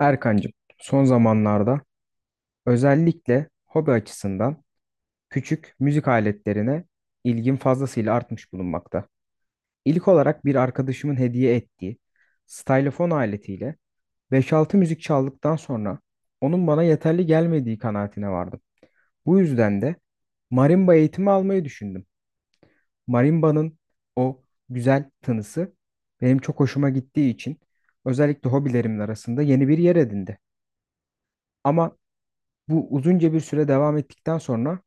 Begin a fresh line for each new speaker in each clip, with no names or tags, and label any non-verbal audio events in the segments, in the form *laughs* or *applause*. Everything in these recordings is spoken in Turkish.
Erkancığım, son zamanlarda özellikle hobi açısından küçük müzik aletlerine ilgim fazlasıyla artmış bulunmakta. İlk olarak bir arkadaşımın hediye ettiği stylofon aletiyle 5-6 müzik çaldıktan sonra onun bana yeterli gelmediği kanaatine vardım. Bu yüzden de marimba eğitimi almayı düşündüm. Marimba'nın o güzel tınısı benim çok hoşuma gittiği için özellikle hobilerimin arasında yeni bir yer edindi. Ama bu uzunca bir süre devam ettikten sonra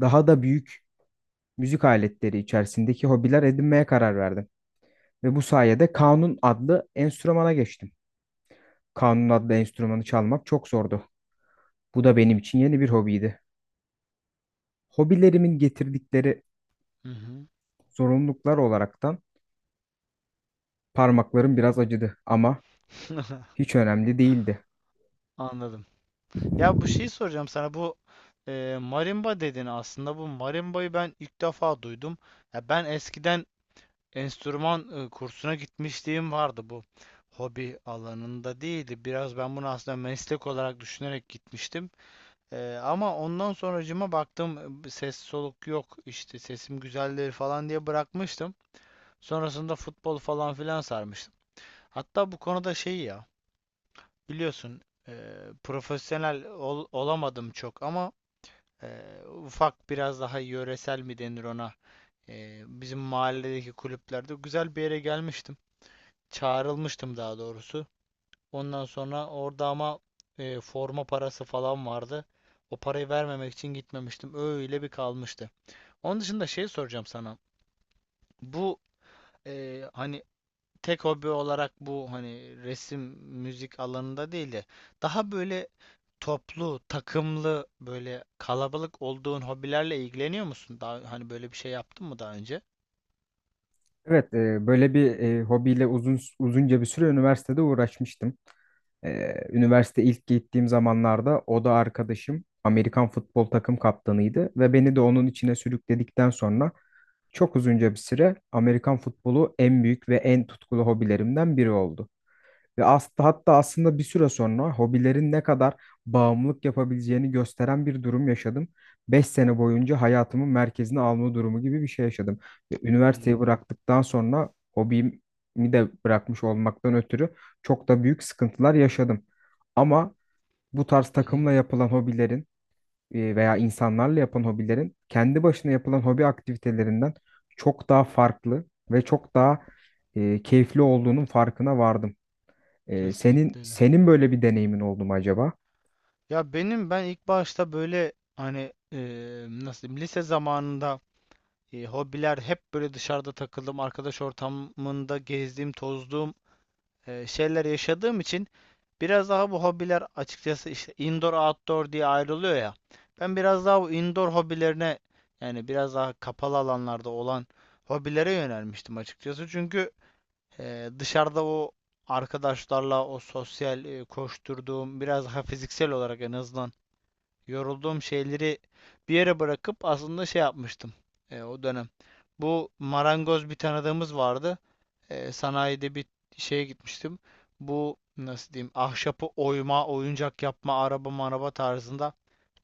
daha da büyük müzik aletleri içerisindeki hobiler edinmeye karar verdim. Ve bu sayede kanun adlı enstrümana geçtim. Kanun adlı enstrümanı çalmak çok zordu. Bu da benim için yeni bir hobiydi. Hobilerimin getirdikleri
Hı hı.
zorunluluklar olaraktan parmaklarım biraz acıdı ama
*laughs*
hiç önemli değildi.
Anladım. Ya bu şeyi soracağım sana, bu marimba dedin, aslında bu marimbayı ben ilk defa duydum. Ya ben eskiden enstrüman kursuna gitmişliğim vardı, bu hobi alanında değildi. Biraz ben bunu aslında meslek olarak düşünerek gitmiştim. Ama ondan sonracıma baktım, ses soluk yok, işte sesim güzelleri falan diye bırakmıştım. Sonrasında futbol falan filan sarmıştım. Hatta bu konuda şey ya, biliyorsun, profesyonel olamadım çok, ama ufak, biraz daha yöresel mi denir ona. Bizim mahalledeki kulüplerde güzel bir yere gelmiştim. Çağrılmıştım daha doğrusu. Ondan sonra orada ama forma parası falan vardı. O parayı vermemek için gitmemiştim. Öyle bir kalmıştı. Onun dışında şey soracağım sana. Bu hani tek hobi olarak bu, hani resim, müzik alanında değil de daha böyle toplu, takımlı, böyle kalabalık olduğun hobilerle ilgileniyor musun? Daha hani böyle bir şey yaptın mı daha önce?
Evet, böyle bir hobiyle uzun uzunca bir süre üniversitede uğraşmıştım. Üniversite ilk gittiğim zamanlarda o da arkadaşım Amerikan futbol takım kaptanıydı ve beni de onun içine sürükledikten sonra çok uzunca bir süre Amerikan futbolu en büyük ve en tutkulu hobilerimden biri oldu. Hatta aslında bir süre sonra hobilerin ne kadar bağımlılık yapabileceğini gösteren bir durum yaşadım. 5 sene boyunca hayatımın merkezine alma durumu gibi bir şey yaşadım. Ve üniversiteyi
Anladım.
bıraktıktan sonra hobimi de bırakmış olmaktan ötürü çok da büyük sıkıntılar yaşadım. Ama bu tarz
Hı,
takımla yapılan hobilerin veya insanlarla yapılan hobilerin kendi başına yapılan hobi aktivitelerinden çok daha farklı ve çok daha keyifli olduğunun farkına vardım. Senin
kesinlikle öyle.
senin böyle bir deneyimin oldu mu acaba?
Ya benim, ben ilk başta böyle hani, nasıl diyeyim, lise zamanında hobiler hep böyle dışarıda takıldım, arkadaş ortamında gezdiğim, tozduğum şeyler yaşadığım için, biraz daha bu hobiler açıkçası işte indoor outdoor diye ayrılıyor ya. Ben biraz daha bu indoor hobilerine, yani biraz daha kapalı alanlarda olan hobilere yönelmiştim açıkçası. Çünkü dışarıda o arkadaşlarla o sosyal koşturduğum, biraz daha fiziksel olarak en azından yorulduğum şeyleri bir yere bırakıp aslında şey yapmıştım o dönem. Bu marangoz bir tanıdığımız vardı. Sanayide bir şeye gitmiştim. Bu nasıl diyeyim, ahşapı oyma, oyuncak yapma, araba maraba tarzında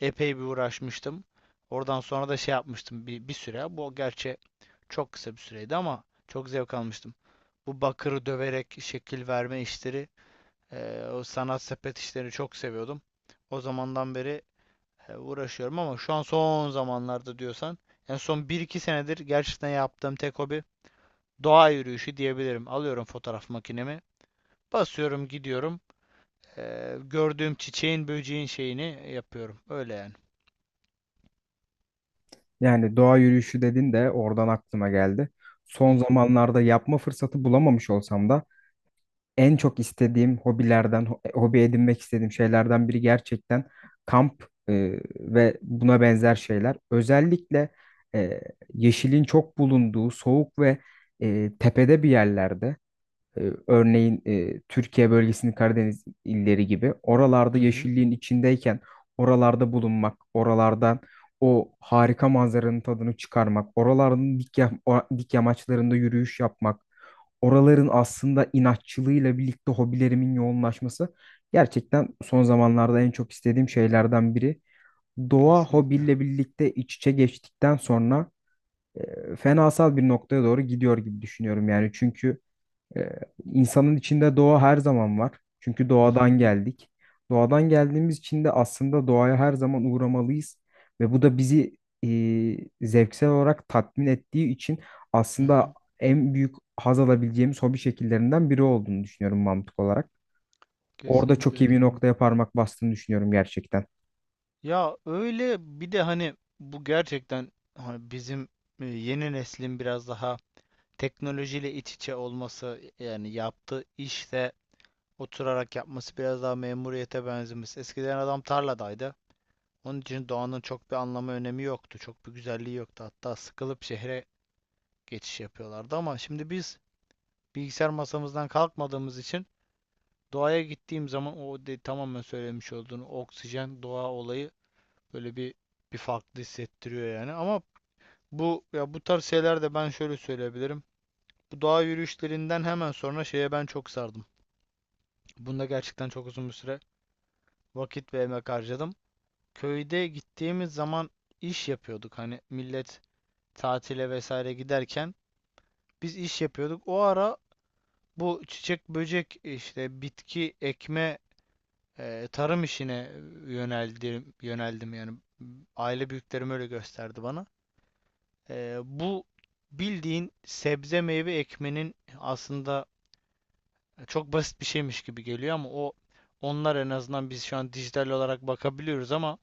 epey bir uğraşmıştım. Oradan sonra da şey yapmıştım bir süre. Bu gerçi çok kısa bir süreydi ama çok zevk almıştım. Bu bakırı döverek şekil verme işleri, o sanat sepet işlerini çok seviyordum. O zamandan beri uğraşıyorum ama şu an son zamanlarda diyorsan en son bir iki senedir gerçekten yaptığım tek hobi doğa yürüyüşü diyebilirim. Alıyorum fotoğraf makinemi, basıyorum, gidiyorum. Gördüğüm çiçeğin, böceğin şeyini yapıyorum. Öyle yani.
Yani doğa yürüyüşü dedin de oradan aklıma geldi. Son
Hı
zamanlarda yapma fırsatı bulamamış olsam da en çok istediğim hobi edinmek istediğim şeylerden biri gerçekten kamp ve buna benzer şeyler. Özellikle e, yeşilin çok bulunduğu soğuk ve tepede bir yerlerde. Örneğin Türkiye bölgesinin Karadeniz illeri gibi oralarda
hı. Hı.
yeşilliğin içindeyken oralarda bulunmak, oralardan o harika manzaranın tadını çıkarmak, oraların dik, ya- o- dik yamaçlarında yürüyüş yapmak, oraların aslında inatçılığıyla birlikte hobilerimin yoğunlaşması gerçekten son zamanlarda en çok istediğim şeylerden biri. Doğa
Kesinlikle.
hobiyle birlikte iç içe geçtikten sonra fenasal bir noktaya doğru gidiyor gibi düşünüyorum yani çünkü ee, insanın içinde doğa her zaman var. Çünkü
Hı hı.
doğadan geldik. Doğadan geldiğimiz için de aslında doğaya her zaman uğramalıyız. Ve bu da bizi zevksel olarak tatmin ettiği için
Hı
aslında
hı.
en büyük haz alabileceğimiz hobi şekillerinden biri olduğunu düşünüyorum mantık olarak. Orada
Kesinlikle
çok iyi
öyle.
bir noktaya parmak bastığını düşünüyorum gerçekten.
Ya öyle bir de hani bu gerçekten hani bizim yeni neslin biraz daha teknolojiyle iç içe olması, yani yaptığı işte oturarak yapması biraz daha memuriyete benzemiş. Eskiden adam tarladaydı. Onun için doğanın çok bir anlamı önemi yoktu. Çok bir güzelliği yoktu. Hatta sıkılıp şehre geçiş yapıyorlardı ama şimdi biz bilgisayar masamızdan kalkmadığımız için doğaya gittiğim zaman o tamamen söylemiş olduğun oksijen doğa olayı böyle bir bir farklı hissettiriyor yani. Ama bu ya bu tarz şeyler de ben şöyle söyleyebilirim. Bu doğa yürüyüşlerinden hemen sonra şeye ben çok sardım. Bunda gerçekten çok uzun bir süre vakit ve emek harcadım. Köyde gittiğimiz zaman iş yapıyorduk. Hani millet tatile vesaire giderken biz iş yapıyorduk. O ara bu çiçek böcek işte bitki ekme tarım işine yöneldim yöneldim, yani aile büyüklerim öyle gösterdi bana. Bu bildiğin sebze meyve ekmenin aslında çok basit bir şeymiş gibi geliyor ama o onlar en azından, biz şu an dijital olarak bakabiliyoruz ama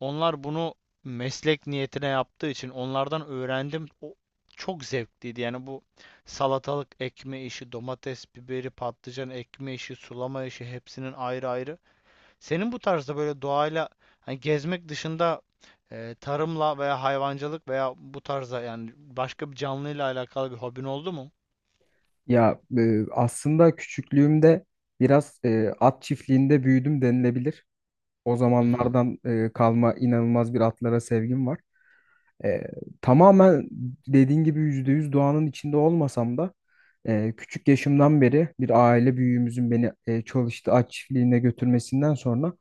onlar bunu meslek niyetine yaptığı için onlardan öğrendim. O çok zevkliydi. Yani bu salatalık ekme işi, domates, biberi, patlıcan ekme işi, sulama işi hepsinin ayrı ayrı. Senin bu tarzda böyle doğayla hani gezmek dışında tarımla veya hayvancılık veya bu tarzda, yani başka bir canlıyla alakalı bir hobin oldu mu?
Ya aslında küçüklüğümde biraz at çiftliğinde büyüdüm denilebilir. O
Hı hı.
zamanlardan kalma inanılmaz bir atlara sevgim var. E, Tamamen dediğin gibi %100 doğanın içinde olmasam da küçük yaşımdan beri bir aile büyüğümüzün beni çalıştı at çiftliğine götürmesinden sonra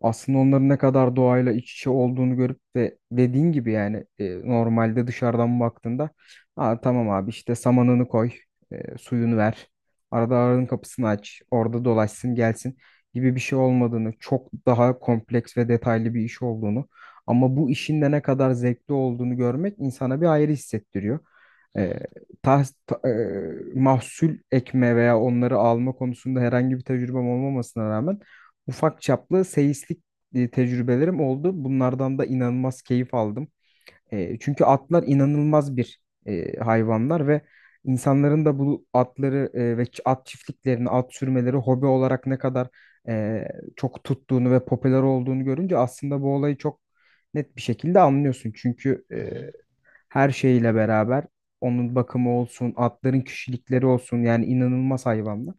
aslında onların ne kadar doğayla iç içe olduğunu görüp de dediğin gibi yani normalde dışarıdan baktığında Aa, tamam abi işte samanını koy, suyunu ver, arada arının kapısını aç, orada dolaşsın gelsin gibi bir şey olmadığını, çok daha kompleks ve detaylı bir iş olduğunu ama bu işin de ne kadar zevkli olduğunu görmek insana bir ayrı hissettiriyor.
Hı
E,
hı.
Mahsul ekme veya onları alma konusunda herhangi bir tecrübem olmamasına rağmen ufak çaplı seyislik tecrübelerim oldu. Bunlardan da inanılmaz keyif aldım. Çünkü atlar inanılmaz bir hayvanlar ve insanların da bu atları at çiftliklerini, at sürmeleri hobi olarak ne kadar e, çok tuttuğunu ve popüler olduğunu görünce aslında bu olayı çok net bir şekilde anlıyorsun. Çünkü
Hı hı.
her şeyle beraber onun bakımı olsun, atların kişilikleri olsun yani inanılmaz hayvanlar.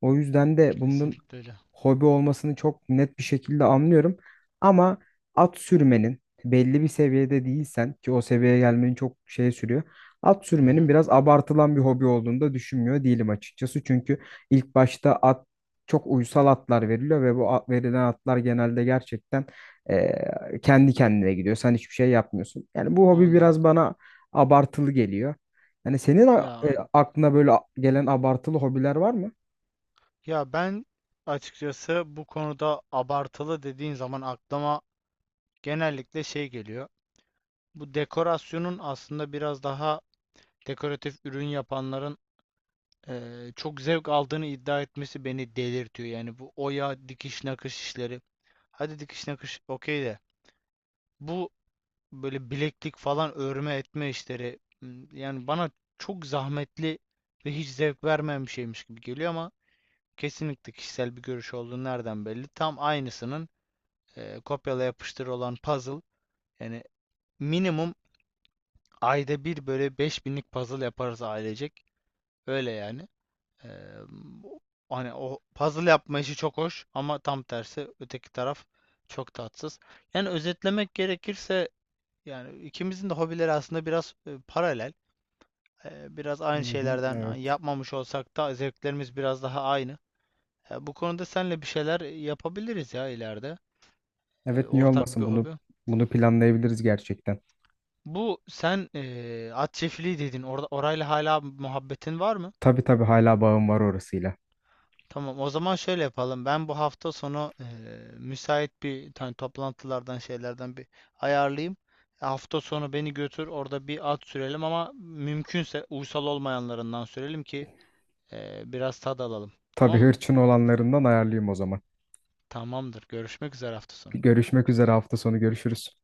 O yüzden de bunun
Kesinlikle öyle.
hobi olmasını çok net bir şekilde anlıyorum. Ama at sürmenin belli bir seviyede değilsen ki o seviyeye gelmenin çok şey sürüyor. At
Hı
sürmenin
hı.
biraz abartılan bir hobi olduğunu da düşünmüyor değilim açıkçası. Çünkü ilk başta at çok uysal atlar veriliyor ve bu at, verilen atlar genelde gerçekten eee, kendi kendine gidiyor. Sen hiçbir şey yapmıyorsun. Yani bu hobi
Anladım.
biraz bana abartılı geliyor. Yani
Ya,
aklına böyle gelen abartılı hobiler var mı?
ya ben açıkçası bu konuda abartılı dediğin zaman aklıma genellikle şey geliyor. Bu dekorasyonun aslında biraz daha dekoratif ürün yapanların çok zevk aldığını iddia etmesi beni delirtiyor. Yani bu oya, dikiş, nakış işleri. Hadi dikiş nakış okey de, bu böyle bileklik falan örme etme işleri, yani bana çok zahmetli ve hiç zevk vermeyen bir şeymiş gibi geliyor ama kesinlikle kişisel bir görüş olduğu nereden belli. Tam aynısının kopyala yapıştır olan puzzle. Yani minimum ayda bir böyle beş binlik puzzle yaparız ailecek. Öyle yani. Ee, Hani o puzzle yapma işi çok hoş ama tam tersi öteki taraf çok tatsız. Yani özetlemek gerekirse yani ikimizin de hobileri aslında biraz paralel. Biraz
Hı
aynı
hı,
şeylerden
evet.
yapmamış olsak da zevklerimiz biraz daha aynı. Bu konuda seninle bir şeyler yapabiliriz ya ileride.
Evet, niye
Ortak bir
olmasın, bunu
hobi.
bunu planlayabiliriz gerçekten.
Bu sen at çiftliği dedin. Orada orayla hala muhabbetin var mı?
Tabii tabii, hala bağım var orasıyla.
Tamam, o zaman şöyle yapalım. Ben bu hafta sonu müsait bir tane toplantılardan şeylerden bir ayarlayayım. Hafta sonu beni götür, orada bir at sürelim ama mümkünse uysal olmayanlarından sürelim ki biraz tad alalım.
Tabii,
Tamam mı?
hırçın olanlarından ayarlayayım o zaman.
Tamamdır. Görüşmek üzere hafta sonu.
Görüşmek üzere hafta sonu görüşürüz.